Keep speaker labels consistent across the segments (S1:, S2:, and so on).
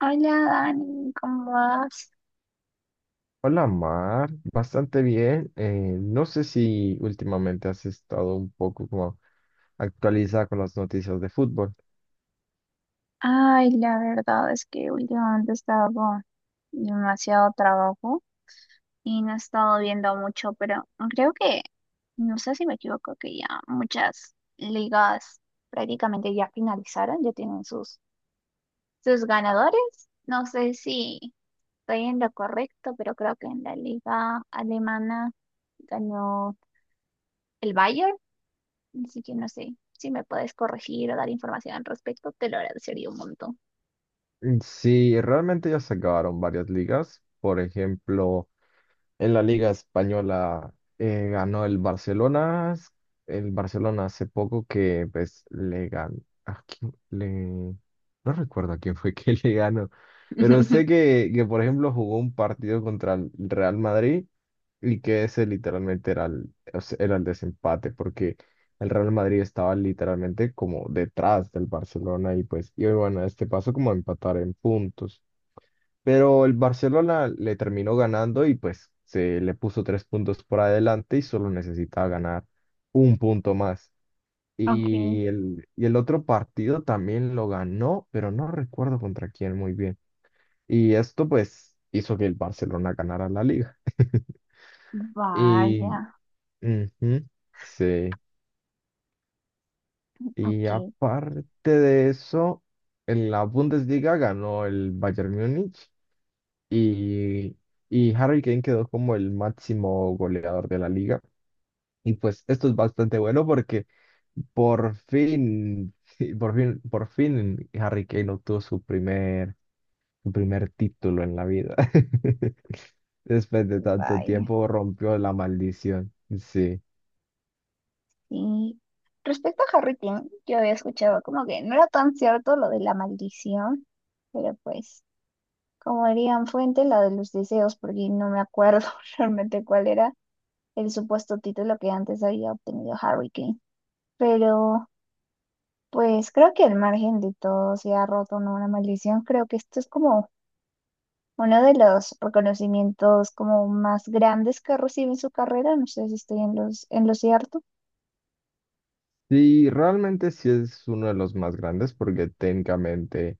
S1: Hola Dani, ¿cómo vas?
S2: Hola Mar, bastante bien. No sé si últimamente has estado un poco como actualizada con las noticias de fútbol.
S1: Ay, la verdad es que últimamente he estado con demasiado trabajo y no he estado viendo mucho, pero creo que, no sé si me equivoco, que ya muchas ligas prácticamente ya finalizaron, ya tienen sus ganadores. No sé si estoy en lo correcto, pero creo que en la liga alemana ganó el Bayern, así que no sé si me puedes corregir o dar información al respecto, te lo agradecería un montón.
S2: Mm, sí, realmente ya se acabaron varias ligas. Por ejemplo, en la Liga Española ganó el Barcelona. El Barcelona hace poco que pues le ganó. ¿A quién le... No recuerdo a quién fue que le ganó. Pero sé que, por ejemplo, jugó un partido contra el Real Madrid y que ese literalmente era era el desempate porque el Real Madrid estaba literalmente como detrás del Barcelona y pues, y bueno, este pasó como a empatar en puntos. Pero el Barcelona le terminó ganando y pues se le puso tres puntos por adelante y solo necesitaba ganar un punto más.
S1: Ok.
S2: Y el otro partido también lo ganó, pero no recuerdo contra quién muy bien. Y esto pues hizo que el Barcelona ganara la liga. Y
S1: Vaya.
S2: ujú, sí. Y
S1: Ok.
S2: aparte de eso, en la Bundesliga ganó el Bayern Múnich y, y Harry Kane quedó como el máximo goleador de la liga. Y pues esto es bastante bueno porque por fin, sí, por fin Harry Kane obtuvo su primer título en la vida. Después de tanto
S1: Vaya.
S2: tiempo rompió la maldición. Sí.
S1: Y respecto a Harry King, yo había escuchado como que no era tan cierto lo de la maldición, pero pues, como dirían Fuente, la de los deseos, porque no me acuerdo realmente cuál era el supuesto título que antes había obtenido Harry King. Pero pues creo que al margen de todo se ha roto, ¿no?, una maldición. Creo que esto es como uno de los reconocimientos como más grandes que recibe en su carrera. No sé si estoy en en lo cierto,
S2: Y realmente sí es uno de los más grandes porque técnicamente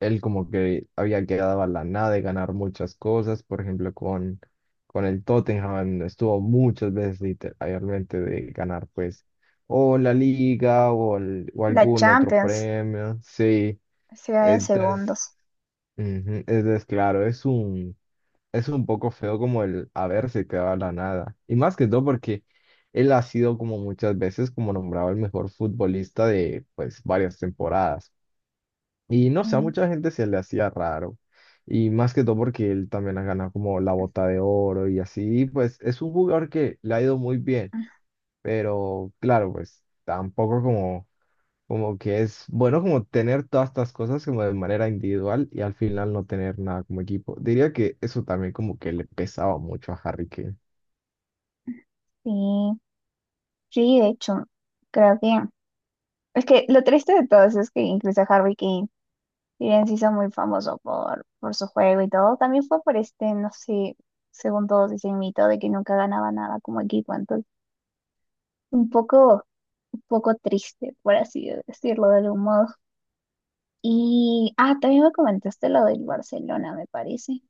S2: él como que había quedado a la nada de ganar muchas cosas, por ejemplo, con el Tottenham estuvo muchas veces literalmente de ganar pues o la liga o o
S1: la
S2: algún otro
S1: Champions,
S2: premio, sí,
S1: se da en
S2: entonces,
S1: segundos.
S2: ujú, entonces, claro, es un poco feo como el haberse quedado a la nada, y más que todo porque él ha sido como muchas veces como nombrado el mejor futbolista de pues varias temporadas. Y no
S1: Sí,
S2: sé, a mucha gente se le hacía raro. Y más que todo porque él también ha ganado como la bota de oro y así, y pues es un jugador que le ha ido muy bien,
S1: ah,
S2: pero claro, pues tampoco como, como que es bueno como tener todas estas cosas como de manera individual y al final no tener nada como equipo. Diría que eso también como que le pesaba mucho a Harry Kane.
S1: sí, sí, de hecho, creo que es que lo triste de todo eso es que incluso Harry Kane, si bien se hizo muy famoso por su juego y todo, también fue por este, no sé, según todos dicen mito de que nunca ganaba nada como equipo. Entonces un poco, un poco triste, por así decirlo de algún modo. Y, ah, también me comentaste lo del Barcelona, me parece.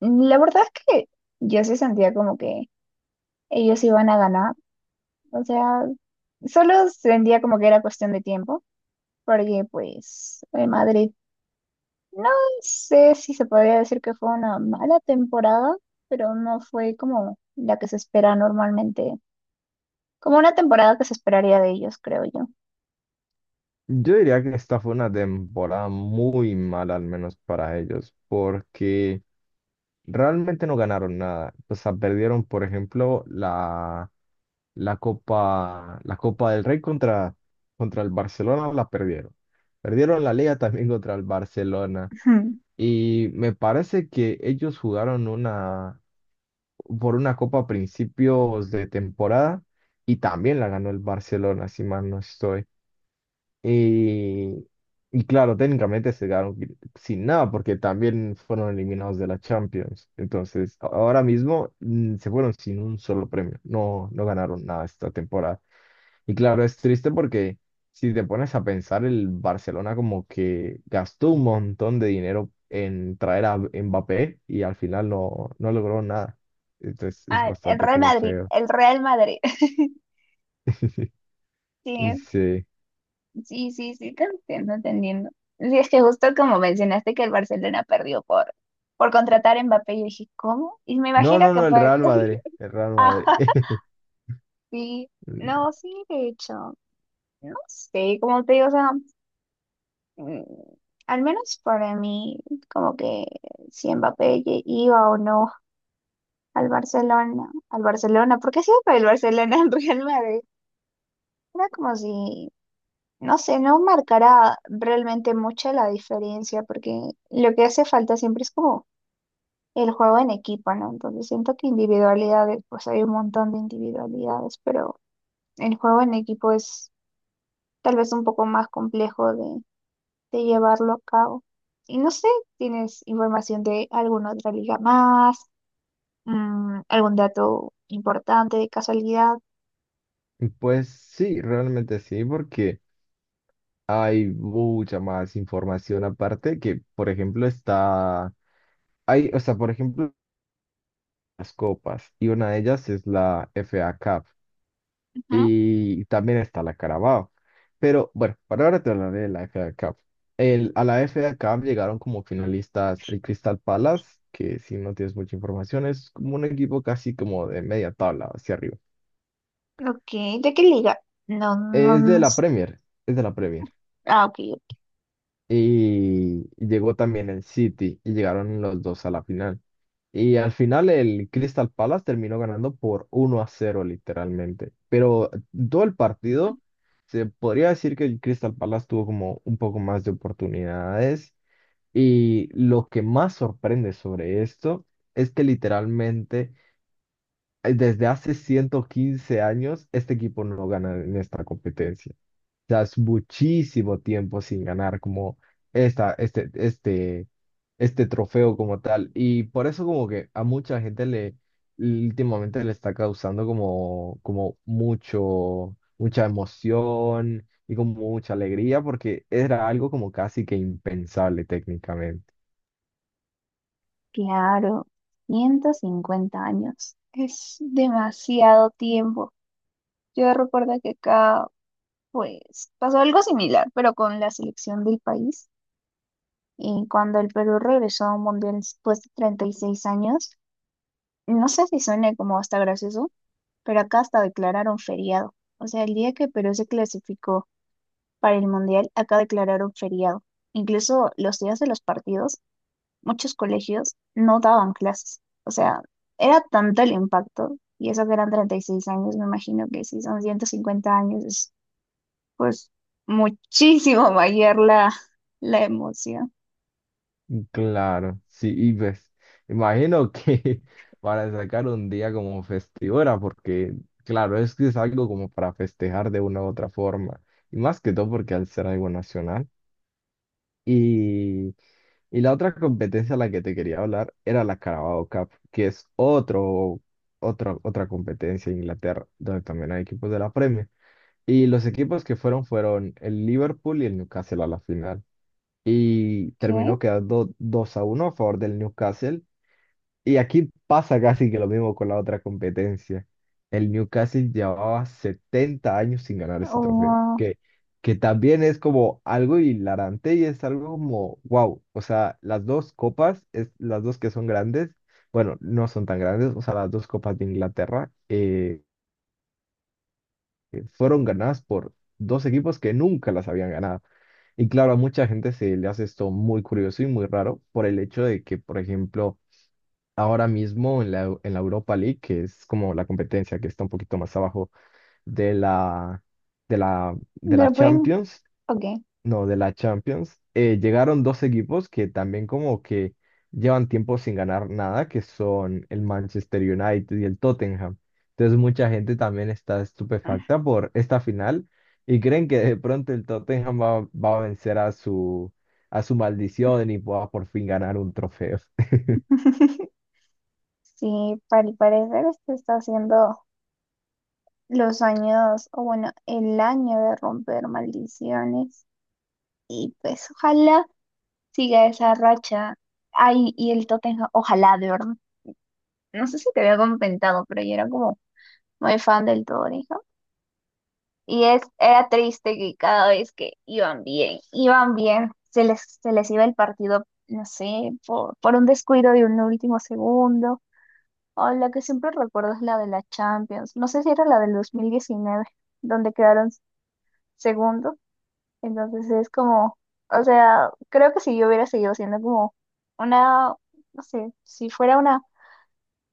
S1: La verdad es que yo sí sentía como que ellos iban a ganar. O sea, solo sentía como que era cuestión de tiempo, porque pues el Madrid, no sé si se podría decir que fue una mala temporada, pero no fue como la que se espera normalmente, como una temporada que se esperaría de ellos, creo yo.
S2: Yo diría que esta fue una temporada muy mala, al menos para ellos, porque... realmente no ganaron nada. O sea, perdieron, por ejemplo, la Copa del Rey contra el Barcelona, la perdieron. Perdieron la Liga también contra el Barcelona. Y me parece que ellos jugaron por una Copa a principios de temporada y también la ganó el Barcelona, si mal no estoy. Y, y claro, técnicamente se quedaron sin nada porque también fueron eliminados de la Champions. Entonces, ahora mismo se fueron sin un solo premio. No, no ganaron nada esta temporada. Y claro, es triste porque si te pones a pensar, el Barcelona como que gastó un montón de dinero en traer a Mbappé y al final no, no logró nada. Entonces, es
S1: Ah, el
S2: bastante
S1: Real
S2: como
S1: Madrid,
S2: feo.
S1: el Real Madrid. Sí.
S2: Sí.
S1: Sí, sí, sí, te entiendo, te entiendo. Sí, es que justo como mencionaste que el Barcelona perdió por contratar a Mbappé, yo dije, ¿cómo? Y me
S2: No,
S1: imagino
S2: no,
S1: que
S2: no, el
S1: fue.
S2: Real Madrid. El Real Madrid.
S1: Sí,
S2: Mm,
S1: no, sí, de hecho, no sé, como te digo, o sea, mm, al menos para mí, como que si Mbappé iba o no al Barcelona, al Barcelona, porque siempre el Barcelona, al Real Madrid, era como si no sé, no marcará realmente mucha la diferencia, porque lo que hace falta siempre es como el juego en equipo, ¿no? Entonces siento que individualidades, pues hay un montón de individualidades, pero el juego en equipo es tal vez un poco más complejo de llevarlo a cabo. Y no sé, ¿tienes información de alguna otra liga más? ¿Algún dato importante de casualidad?
S2: pues sí, realmente sí, porque hay mucha más información aparte que, por ejemplo, está, hay, o sea, por ejemplo, las copas, y una de ellas es la FA Cup, y también está la Carabao. Pero bueno, para ahora te hablaré de la FA Cup. A la FA Cup llegaron como finalistas el Crystal Palace, que si no tienes mucha información es como un equipo casi como de media tabla hacia arriba.
S1: Ujú. Ok, ¿de qué liga? No, no,
S2: Es de
S1: no.
S2: la
S1: s-
S2: Premier, es de la Premier.
S1: Ah, ok.
S2: Y llegó también el City y llegaron los dos a la final. Y al final el Crystal Palace terminó ganando por 1-0 literalmente. Pero todo el partido se podría decir que el Crystal Palace tuvo como un poco más de oportunidades. Y lo que más sorprende sobre esto es que literalmente desde hace 115 años este equipo no gana en esta competencia. Sea, muchísimo tiempo sin ganar como esta, este, este, este trofeo como tal. Y por eso como que a mucha gente le últimamente le está causando como, como mucha emoción y como mucha alegría porque era algo como casi que impensable técnicamente.
S1: Claro, 150 años. Es demasiado tiempo. Yo recuerdo que acá, pues, pasó algo similar, pero con la selección del país. Y cuando el Perú regresó a un mundial después de 36 años, no sé si suena como hasta gracioso, pero acá hasta declararon feriado. O sea, el día que Perú se clasificó para el mundial, acá declararon feriado. Incluso los días de los partidos muchos colegios no daban clases. O sea, era tanto el impacto, y eso que eran 36 años. Me imagino que si son 150 años, es pues muchísimo mayor la emoción.
S2: Claro, sí, y pues imagino que para sacar un día como festivo era porque, claro, es que es algo como para festejar de una u otra forma, y más que todo porque al ser algo nacional. Y, y la otra competencia a la que te quería hablar era la Carabao Cup, que es otra competencia en Inglaterra, donde también hay equipos de la Premier. Y los equipos que fueron fueron el Liverpool y el Newcastle a la final. Y
S1: ¿Qué?
S2: terminó quedando 2-1 a favor del Newcastle y aquí pasa casi que lo mismo con la otra competencia. El Newcastle llevaba 70 años sin ganar ese trofeo,
S1: Wow.
S2: que también es como algo hilarante y es algo como, wow, o sea, las dos copas, es, las dos que son grandes, bueno, no son tan grandes, o sea, las dos copas de Inglaterra fueron ganadas por dos equipos que nunca las habían ganado. Y claro, a mucha gente se le hace esto muy curioso y muy raro por el hecho de que, por ejemplo, ahora mismo en en la Europa League, que es como la competencia que está un poquito más abajo de la, de
S1: De
S2: la
S1: lo prim-
S2: Champions,
S1: Ok.
S2: no, de la Champions, llegaron dos equipos que también como que llevan tiempo sin ganar nada, que son el Manchester United y el Tottenham. Entonces mucha gente también está estupefacta por esta final y creen que de pronto el Tottenham va a vencer a a su maldición y pueda por fin ganar un trofeo.
S1: Sí, al parecer este está haciendo los años, o bueno, el año de romper maldiciones. Y pues ojalá siga esa racha. Ay, y el Tottenham, ojalá, de verdad. No sé si te había comentado, pero yo era como muy fan del Tottenham. Y es, era triste que cada vez que iban bien, se les iba el partido, no sé, por un descuido de un último segundo. O la que siempre recuerdo es la de la Champions. No sé si era la del 2019, donde quedaron segundos. Entonces es como, o sea, creo que si yo hubiera seguido siendo como una, no sé, si fuera una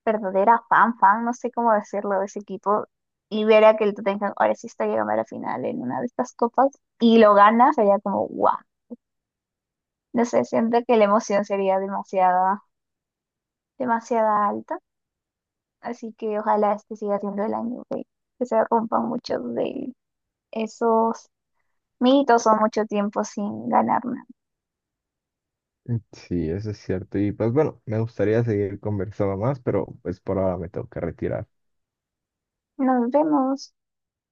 S1: verdadera fan, no sé cómo decirlo, de ese equipo y ver a que el Tottenham ahora sí está llegando a la final en una de estas copas y lo gana, sería como guau. No sé, siento que la emoción sería demasiada, demasiada alta, así que ojalá este siga siendo el año que se rompan muchos de esos mitos o mucho tiempo sin ganar nada.
S2: Sí, eso es cierto. Y pues bueno, me gustaría seguir conversando más, pero pues por ahora me tengo que retirar.
S1: Nos vemos.